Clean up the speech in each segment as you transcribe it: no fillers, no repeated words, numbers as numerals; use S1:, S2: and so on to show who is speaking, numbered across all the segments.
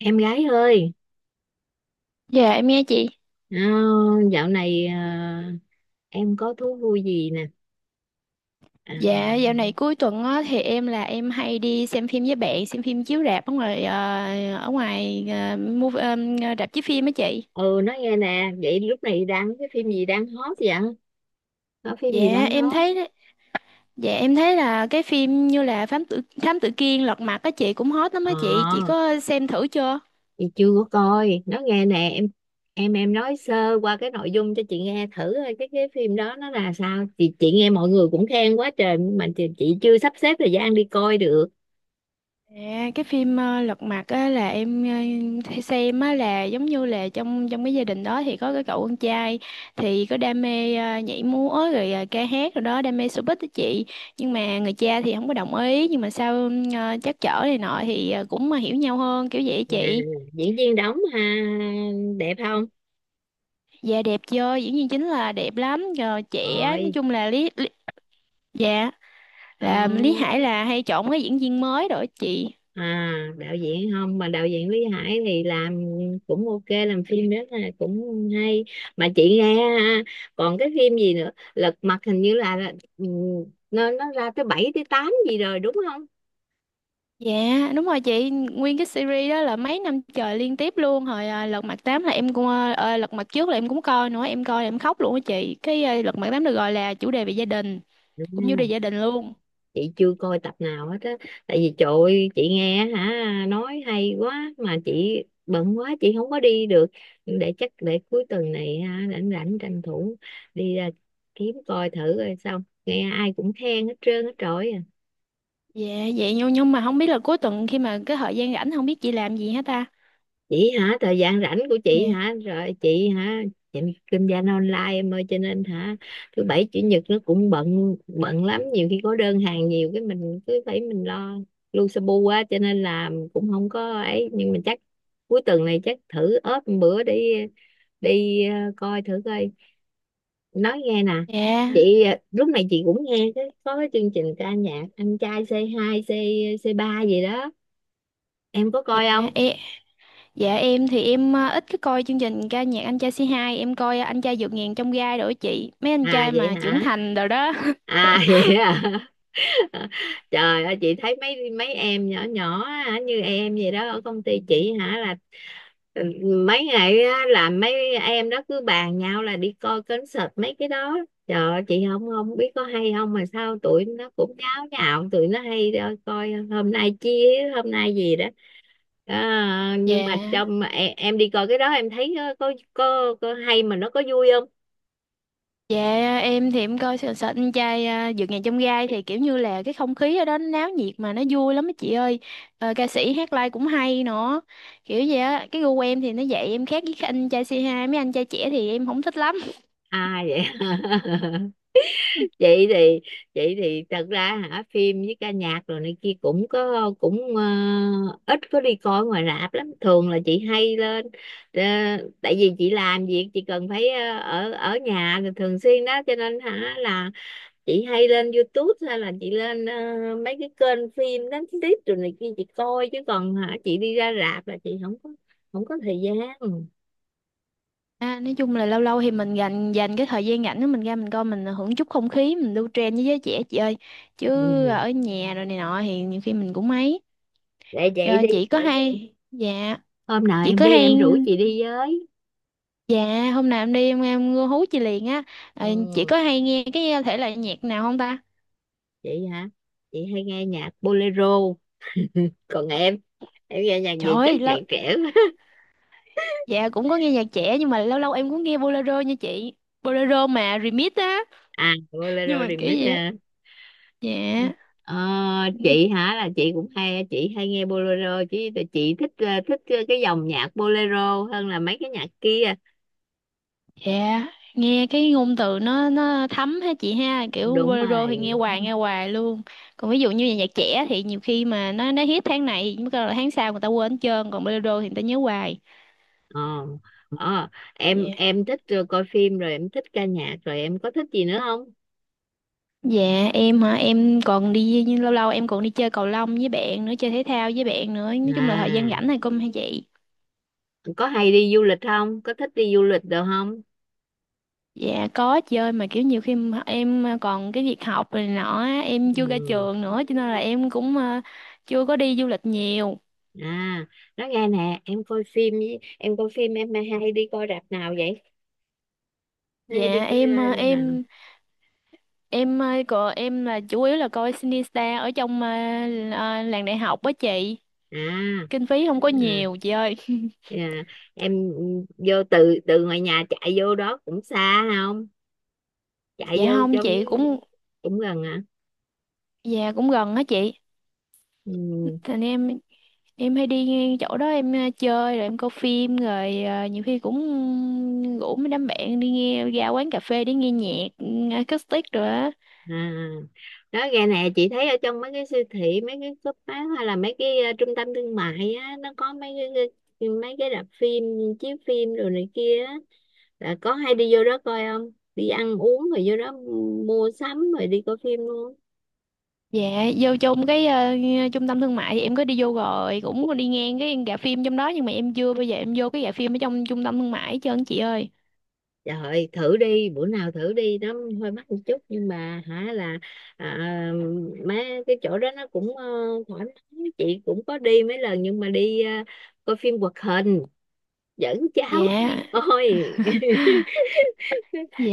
S1: Em gái ơi,
S2: Dạ em nghe chị.
S1: ờ, dạo này em có thú vui gì nè? À,
S2: Dạ dạo này cuối tuần á, thì em là em hay đi xem phim với bạn, xem phim chiếu rạp ở ngoài ờ, movie, ờ, rạp chiếu phim á chị.
S1: ừ, nói nghe nè, vậy lúc này đang cái phim gì đang hot vậy? Có phim gì
S2: Dạ
S1: đang
S2: em
S1: hot?
S2: thấy dạ em thấy là cái phim như là Thám Tử Kiên Lật Mặt á chị, cũng hot lắm á chị. Chị
S1: Ờ,
S2: có xem thử chưa?
S1: thì chưa có coi. Nói nghe nè, em nói sơ qua cái nội dung cho chị nghe thử coi cái phim đó nó là sao? Chị nghe mọi người cũng khen quá trời mà chị chưa sắp xếp thời gian đi coi được.
S2: À, cái phim Lật Mặt á là em hay xem á, là giống như là trong trong cái gia đình đó thì có cái cậu con trai thì có đam mê nhảy múa rồi ca hát rồi đó, đam mê showbiz đó chị, nhưng mà người cha thì không có đồng ý, nhưng mà sau trắc trở này nọ thì cũng mà hiểu nhau hơn kiểu vậy á
S1: À,
S2: chị.
S1: diễn viên đóng ha, đẹp không?
S2: Dạ đẹp chưa, diễn viên chính là đẹp lắm rồi, trẻ, nói
S1: Rồi.
S2: chung là lý, lý dạ
S1: Ờ.
S2: là Lý Hải là hay chọn cái diễn viên mới rồi á chị.
S1: À, đạo diễn không mà đạo diễn Lý Hải thì làm cũng ok, làm phim rất là cũng hay, mà chị nghe ha, còn cái phim gì nữa Lật Mặt hình như là, ừ, nó ra tới 7 tới 8 gì rồi đúng không?
S2: Dạ đúng rồi chị. Nguyên cái series đó là mấy năm trời liên tiếp luôn. Lật Mặt tám là em cũng Lật Mặt trước là em cũng coi nữa. Em coi là em khóc luôn á chị. Lật Mặt 8 được gọi là chủ đề về gia đình.
S1: Ừ,
S2: Cũng chủ đề gia đình luôn.
S1: chị chưa coi tập nào hết á, tại vì trời ơi, chị nghe hả, nói hay quá mà chị bận quá, chị không có đi được. Để chắc để cuối tuần này ha, rảnh rảnh tranh thủ đi ra kiếm coi thử, rồi xong nghe ai cũng khen hết trơn hết trọi.
S2: Dạ vậy nhưng mà không biết là cuối tuần, khi mà cái thời gian rảnh, không biết chị làm gì hết ta.
S1: Chị hả? Thời gian rảnh của
S2: Dạ.
S1: chị hả? Rồi, chị hả? Chị kinh doanh online em ơi, cho nên hả, thứ bảy chủ nhật nó cũng bận bận lắm, nhiều khi có đơn hàng nhiều cái mình cứ phải mình lo lu su bu quá, cho nên là cũng không có ấy, nhưng mà chắc cuối tuần này chắc thử ốp một bữa đi, đi coi thử coi. Nói nghe nè,
S2: Dạ.
S1: chị lúc này chị cũng nghe cái có cái chương trình ca nhạc anh trai C2 C hai c c ba gì đó, em có
S2: Dạ
S1: coi không?
S2: em, dạ em thì em ít cái coi chương trình ca nhạc Anh Trai C2. Em coi Anh Trai Vượt Ngàn Trong Gai rồi á chị. Mấy anh
S1: À
S2: trai
S1: vậy
S2: mà trưởng
S1: hả?
S2: thành rồi đó.
S1: À, vậy à? Trời ơi, chị thấy mấy mấy em nhỏ nhỏ á, như em vậy đó, ở công ty chị hả là, ừ, mấy ngày á, là mấy em đó cứ bàn nhau là đi coi concert mấy cái đó. Trời ơi, chị không không biết có hay không mà sao tụi nó cũng nháo nhào, tụi nó hay đó, coi hôm nay chia hôm nay gì đó. À,
S2: Dạ.
S1: nhưng mà trong em đi coi cái đó em thấy có hay mà nó có vui không?
S2: Dạ em thì em coi sợ sợ anh trai vượt ngàn chông gai thì kiểu như là cái không khí ở đó nó náo nhiệt mà nó vui lắm á chị ơi. Ờ, ca sĩ hát live cũng hay nữa, kiểu vậy á. Cái gu của em thì nó vậy, em khác với các anh trai C2, mấy anh trai trẻ thì em không thích lắm.
S1: À vậy. vậy thì vậy thì thật ra hả, phim với ca nhạc rồi này kia cũng có, cũng ít có đi coi ngoài rạp lắm, thường là chị hay lên ờ, tại vì chị làm việc chị cần phải ở ở nhà thì thường xuyên đó, cho nên hả là chị hay lên YouTube hay là chị lên mấy cái kênh phim đánh tiếp rồi này kia chị coi, chứ còn hả chị đi ra rạp là chị không có, thời gian. Ừ.
S2: À, nói chung là lâu lâu thì mình dành dành cái thời gian rảnh của mình ra, mình coi, mình hưởng chút không khí, mình lưu trend với giới trẻ chị ơi, chứ ở nhà rồi này nọ thì nhiều khi mình cũng mấy.
S1: Để
S2: Ờ,
S1: vậy đi,
S2: chị có hay dạ
S1: hôm nào
S2: chị
S1: em
S2: có
S1: đi
S2: hay
S1: em rủ chị đi với.
S2: Dạ, hôm nào em đi em hú chị liền á. Ờ, chị
S1: Ừ.
S2: có hay nghe cái thể loại nhạc nào không ta?
S1: Chị hả? Chị hay nghe nhạc bolero. Còn em nghe nhạc
S2: Trời
S1: gì, chắc
S2: ơi,
S1: nhạc trẻ quá.
S2: dạ cũng có nghe nhạc trẻ, nhưng mà lâu lâu em cũng nghe bolero nha chị. Bolero mà remix á.
S1: À, bolero
S2: Nhưng mà kiểu
S1: remix
S2: gì á?
S1: à.
S2: Dạ.
S1: Ờ, chị hả là chị cũng hay, chị hay nghe bolero chứ, tại chị thích thích cái dòng nhạc bolero hơn là mấy cái nhạc kia.
S2: Dạ, nghe cái ngôn từ nó thấm ha chị ha, kiểu
S1: Đúng
S2: bolero thì
S1: rồi.
S2: nghe hoài luôn. Còn ví dụ như là nhạc trẻ thì nhiều khi mà nó hit tháng này, mới là tháng sau người ta quên hết trơn, còn bolero thì người ta nhớ hoài.
S1: ờ, ờ
S2: Dạ.
S1: em em thích coi phim rồi em thích ca nhạc, rồi em có thích gì nữa không?
S2: Dạ em hả, em còn đi, nhưng lâu lâu em còn đi chơi cầu lông với bạn nữa, chơi thể thao với bạn nữa. Nói chung là thời gian rảnh
S1: À,
S2: này cũng hay vậy.
S1: có hay đi du lịch không, có thích đi du lịch được không?
S2: Dạ có chơi, mà kiểu nhiều khi mà em còn cái việc học này nọ á, em chưa ra
S1: Ừ.
S2: trường nữa, cho nên là em cũng chưa có đi du lịch nhiều.
S1: À, nói nghe nè, em coi phim với em coi phim, em hay đi coi rạp nào vậy? Hay đi
S2: Dạ
S1: coi rạp nào?
S2: còn em là chủ yếu là coi Sinistar ở trong làng đại học á chị.
S1: à
S2: Kinh phí không có
S1: à,
S2: nhiều chị ơi.
S1: à em vô từ từ ngoài nhà chạy vô đó cũng xa không? Chạy
S2: Dạ
S1: vô
S2: không
S1: trong
S2: chị, cũng
S1: cũng gần hả?
S2: dạ, cũng gần á chị.
S1: Ừ.
S2: Thành em hay đi ngang chỗ đó, em chơi rồi em coi phim rồi nhiều khi cũng rủ mấy đám bạn đi nghe, ra quán cà phê để nghe nhạc acoustic rồi á.
S1: À, đó gà nè, chị thấy ở trong mấy cái siêu thị, mấy cái shop bán, hay là mấy cái trung tâm thương mại á, nó có mấy cái rạp phim chiếu phim rồi này kia á, là có hay đi vô đó coi không, đi ăn uống rồi vô đó mua sắm rồi đi coi phim luôn?
S2: Dạ, vô trong cái trung tâm thương mại thì em có đi vô rồi, cũng có đi ngang cái rạp phim trong đó, nhưng mà em chưa bao giờ em vô cái rạp phim ở trong trung tâm thương mại hết trơn chị ơi.
S1: Trời ơi, thử đi bữa nào thử đi, nó hơi mắc một chút nhưng mà hả là, à, mấy cái chỗ đó nó cũng thoải mái, chị cũng có đi mấy lần nhưng mà đi coi phim hoạt hình, dẫn cháu
S2: Dạ,
S1: đi coi.
S2: dạ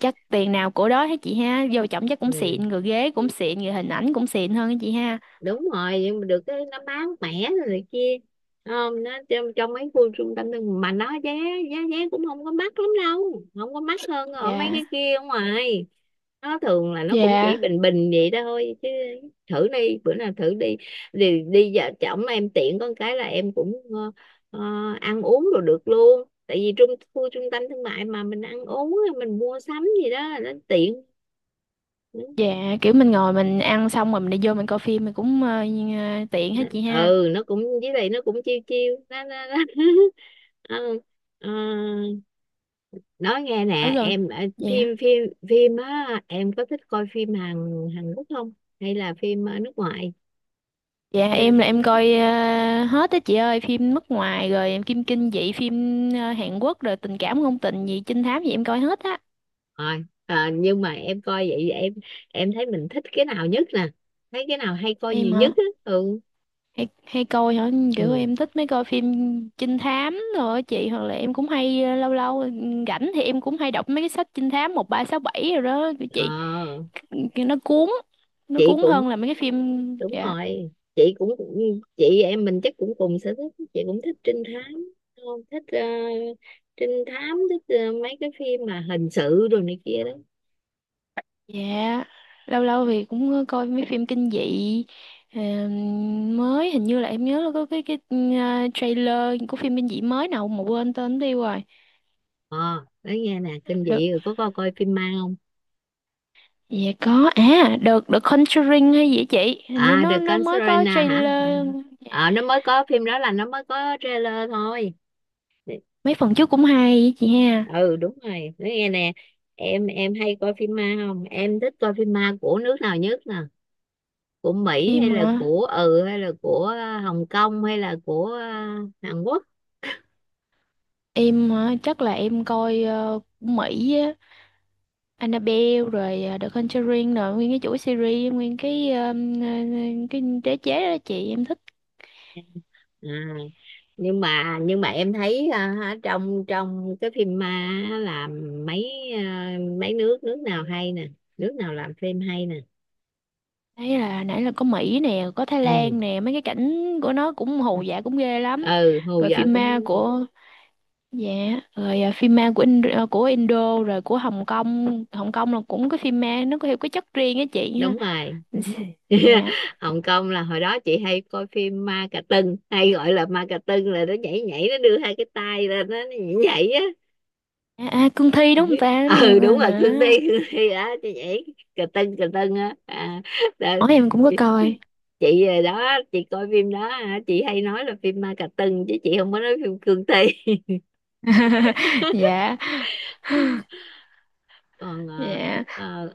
S2: chắc tiền nào của đó hết chị ha, vô trọng chắc cũng
S1: Ừ.
S2: xịn rồi, ghế cũng xịn rồi, hình ảnh cũng xịn hơn á chị ha.
S1: Đúng rồi, nhưng mà được cái nó bán mẻ rồi này kia, không, nó trong mấy khu trung tâm thương mà nó giá giá vé cũng không có mắc lắm đâu, không có mắc hơn ở mấy cái
S2: Dạ,
S1: kia ở ngoài, nó thường là nó cũng chỉ
S2: dạ.
S1: bình bình vậy thôi chứ. Thử đi bữa nào thử đi. Đi đi, vợ chồng em tiện có cái là em cũng ờ, ăn uống rồi được luôn, tại vì trung khu trung tâm thương mại mà mình ăn uống mình mua sắm gì đó nó tiện. Ừ.
S2: Dạ kiểu mình ngồi mình ăn xong rồi mình đi vô mình coi phim mình cũng như- tiện hết chị ha.
S1: Ừ, nó cũng với lại nó cũng chiêu chiêu nó. Ừ, ờ, nói nghe
S2: Ở
S1: nè,
S2: gần.
S1: em phim
S2: Dạ.
S1: phim phim á, em có thích coi phim Hàn Hàn Quốc không, hay là phim nước ngoài,
S2: Dạ
S1: hay là
S2: em là em
S1: phim
S2: coi hết á chị ơi, phim nước ngoài rồi em kim kinh dị, phim Hàn Quốc rồi tình cảm ngôn tình gì, trinh thám gì em coi hết á.
S1: rồi? Ờ, nhưng mà em coi vậy em thấy mình thích cái nào nhất nè, thấy cái nào hay coi
S2: Em
S1: nhiều nhất
S2: hả?
S1: á? Ừ,
S2: Hay, hay coi hả? Kiểu
S1: ừ,
S2: em thích mấy coi phim trinh thám rồi á chị, hoặc là em cũng hay lâu lâu rảnh thì em cũng hay đọc mấy cái sách trinh thám 1367 rồi đó chị.
S1: ờ,
S2: Cái- Nó cuốn, nó
S1: chị
S2: cuốn
S1: cũng,
S2: hơn là mấy cái phim
S1: đúng
S2: dạ.
S1: rồi, chị cũng, chị em mình chắc cũng cùng sở thích, chị cũng thích trinh thám, không thích trinh thám, thích mấy cái phim mà hình sự rồi này kia đó.
S2: Dạ, lâu lâu thì cũng coi mấy phim kinh dị ờ, mới, hình như là em nhớ là có cái trailer của phim kinh dị mới nào mà quên tên đi rồi.
S1: Ờ nói nghe nè, kinh
S2: Được.
S1: dị rồi có coi coi phim ma không?
S2: Dạ có được The Conjuring hay gì á chị? Hình như
S1: À,
S2: nó
S1: The
S2: nó mới có
S1: Conjuring hả? À,
S2: trailer.
S1: ờ, nó mới có phim đó, là nó mới có trailer thôi.
S2: Mấy phần trước cũng hay á chị ha.
S1: Ừ, đúng rồi, nói nghe nè, em hay coi phim ma không, em thích coi phim ma của nước nào nhất nè, của Mỹ hay
S2: Em
S1: là
S2: hả?
S1: của hay là của Hồng Kông hay là của Hàn Quốc?
S2: Em hả? Chắc là em coi của Mỹ á, Annabelle rồi The Conjuring rồi nguyên cái chuỗi series, nguyên ờ, cái đế chế đó chị em thích.
S1: À. nhưng mà em thấy trong trong cái phim ma á, là mấy ờ, mấy nước nước nào hay nè, nước nào làm phim hay nè?
S2: Nãy là Có Mỹ nè, có Thái
S1: Ừ,
S2: Lan nè, mấy cái cảnh của nó cũng hồ dã cũng ghê lắm.
S1: ừ, hù
S2: Rồi
S1: vợ
S2: phim ma
S1: cũng
S2: của Dạ rồi, phim ma của Indo rồi của Hồng Kông. Hồng Kông là cũng cái phim ma nó có theo cái chất riêng á chị ha.
S1: đúng rồi.
S2: Dạ.
S1: Hồng Kông là hồi đó chị hay coi phim ma cà tưng, hay gọi là ma cà tưng, là nó nhảy nhảy nó đưa hai cái tay lên nó nhảy nhảy á.
S2: Cương thi đúng không ta.
S1: Ừ, đúng rồi, cương thi,
S2: Đó.
S1: cương thi đó chị, nhảy cà tưng á, à, đó.
S2: Hỏi em cũng có
S1: chị
S2: coi.
S1: chị đó, chị coi phim đó hả? Chị hay nói là phim ma cà tưng chứ chị không có nói phim cương thi.
S2: Dạ,
S1: còn ờ,
S2: dạ,
S1: ờ,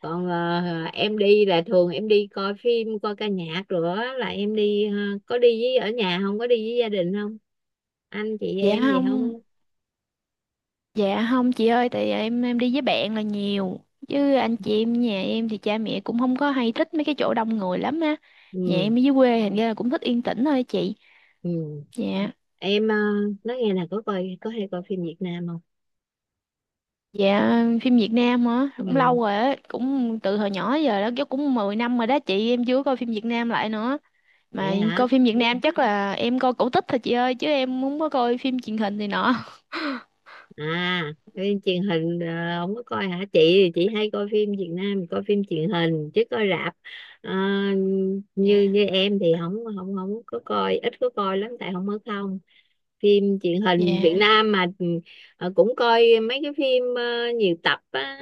S1: còn em đi là thường em đi coi phim coi ca nhạc rồi á, là em đi có đi với ở nhà không, có đi với gia đình không, anh chị
S2: dạ.
S1: em gì
S2: Không,
S1: không?
S2: dạ không chị ơi, tại em đi với bạn là nhiều. Chứ anh chị em nhà em thì cha mẹ cũng không có hay thích mấy cái chỗ đông người lắm á. Nhà
S1: Ừ,
S2: em ở dưới quê, thành ra là cũng thích yên tĩnh thôi chị.
S1: ừ,
S2: Dạ.
S1: em nói nghe là có coi, có hay coi phim Việt Nam không?
S2: Dạ phim Việt Nam hả? Cũng
S1: Ừ,
S2: lâu rồi á, cũng từ hồi nhỏ giờ đó, chứ cũng 10 năm rồi đó chị, em chưa coi phim Việt Nam lại nữa.
S1: để
S2: Mà
S1: hả?
S2: coi phim Việt Nam chắc là em coi cổ tích thôi chị ơi, chứ em không có coi phim truyền hình thì nọ.
S1: À, phim truyền hình không có coi hả chị? Thì chị hay coi phim Việt Nam, coi phim truyền hình chứ coi rạp ờ, như
S2: Dạ.
S1: như em thì không không không có coi, ít có coi lắm, tại không ở không. Phim truyền hình Việt
S2: Dạ.
S1: Nam mà, ừ, cũng coi mấy cái phim nhiều tập á.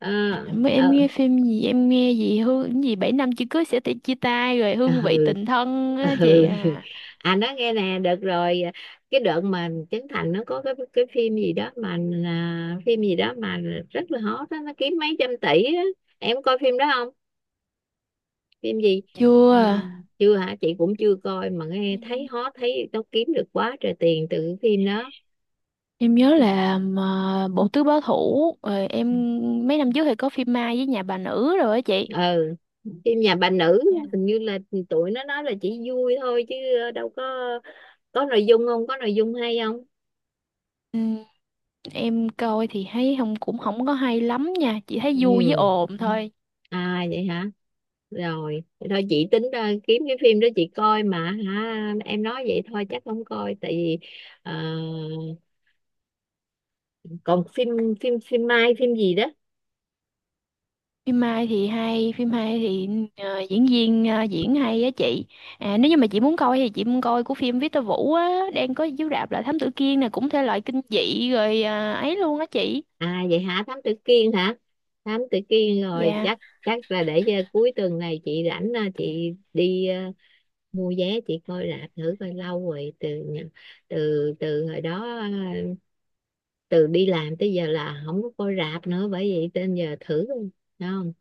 S1: Ờ,
S2: À, mới em
S1: ờ,
S2: nghe phim gì em nghe gì hương cái gì 7 năm chưa cưới sẽ chia tay rồi hương vị
S1: ừ,
S2: tình thân
S1: ừ.
S2: á chị à
S1: À, nói nghe nè, được rồi, cái đợt mà Trấn Thành nó có cái phim gì đó mà, à, phim gì đó mà rất là hot đó, nó kiếm mấy trăm tỷ á, em có coi phim đó không? Phim gì?
S2: Chưa
S1: À, chưa hả? Chị cũng chưa coi mà nghe thấy
S2: em
S1: hot, thấy nó kiếm được quá trời tiền từ cái phim đó.
S2: em nhớ là mà bộ tứ báo thủ rồi mấy năm trước thì có phim Mai với Nhà Bà Nữ rồi á chị.
S1: Ừ, phim nhà bà nữ
S2: Dạ.
S1: hình như là tụi nó nói là chỉ vui thôi chứ đâu có nội dung không, có nội dung hay không?
S2: Ừm, em coi thì thấy không, cũng không có hay lắm nha, chỉ thấy vui với
S1: Ừ.
S2: ồn thôi.
S1: À vậy hả. Rồi, thì thôi chị tính kiếm cái phim đó chị coi mà hả, em nói vậy thôi chắc không coi, tại vì ờ, còn phim phim phim mai phim gì đó.
S2: Phim hay thì diễn viên diễn hay á chị. À, nếu như mà chị muốn coi của phim Victor Vũ á đang có chiếu rạp là Thám Tử Kiên nè, cũng thể loại kinh dị rồi ấy luôn á chị.
S1: À vậy hả, Thám Tử Kiên hả? Thám Tử Kiên rồi,
S2: Dạ.
S1: chắc chắc là để cho cuối tuần này chị rảnh chị đi mua vé chị coi rạp thử coi. Lâu rồi, từ hồi đó từ đi làm tới giờ là không có coi rạp nữa, bởi vậy nên giờ thử coi. Thấy không?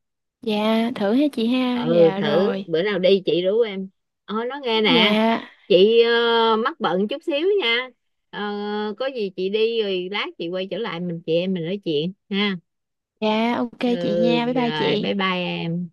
S2: Dạ thử ha chị ha,
S1: Ừ,
S2: dạ
S1: thử
S2: rồi.
S1: bữa nào đi chị rủ em. Ôi nó nghe nè,
S2: Dạ,
S1: chị mắc bận chút xíu nha. Ờ, có gì chị đi rồi lát chị quay trở lại mình chị em mình nói chuyện ha.
S2: dạ, ok
S1: Ừ,
S2: chị nha, bye bye
S1: rồi bye
S2: chị.
S1: bye em.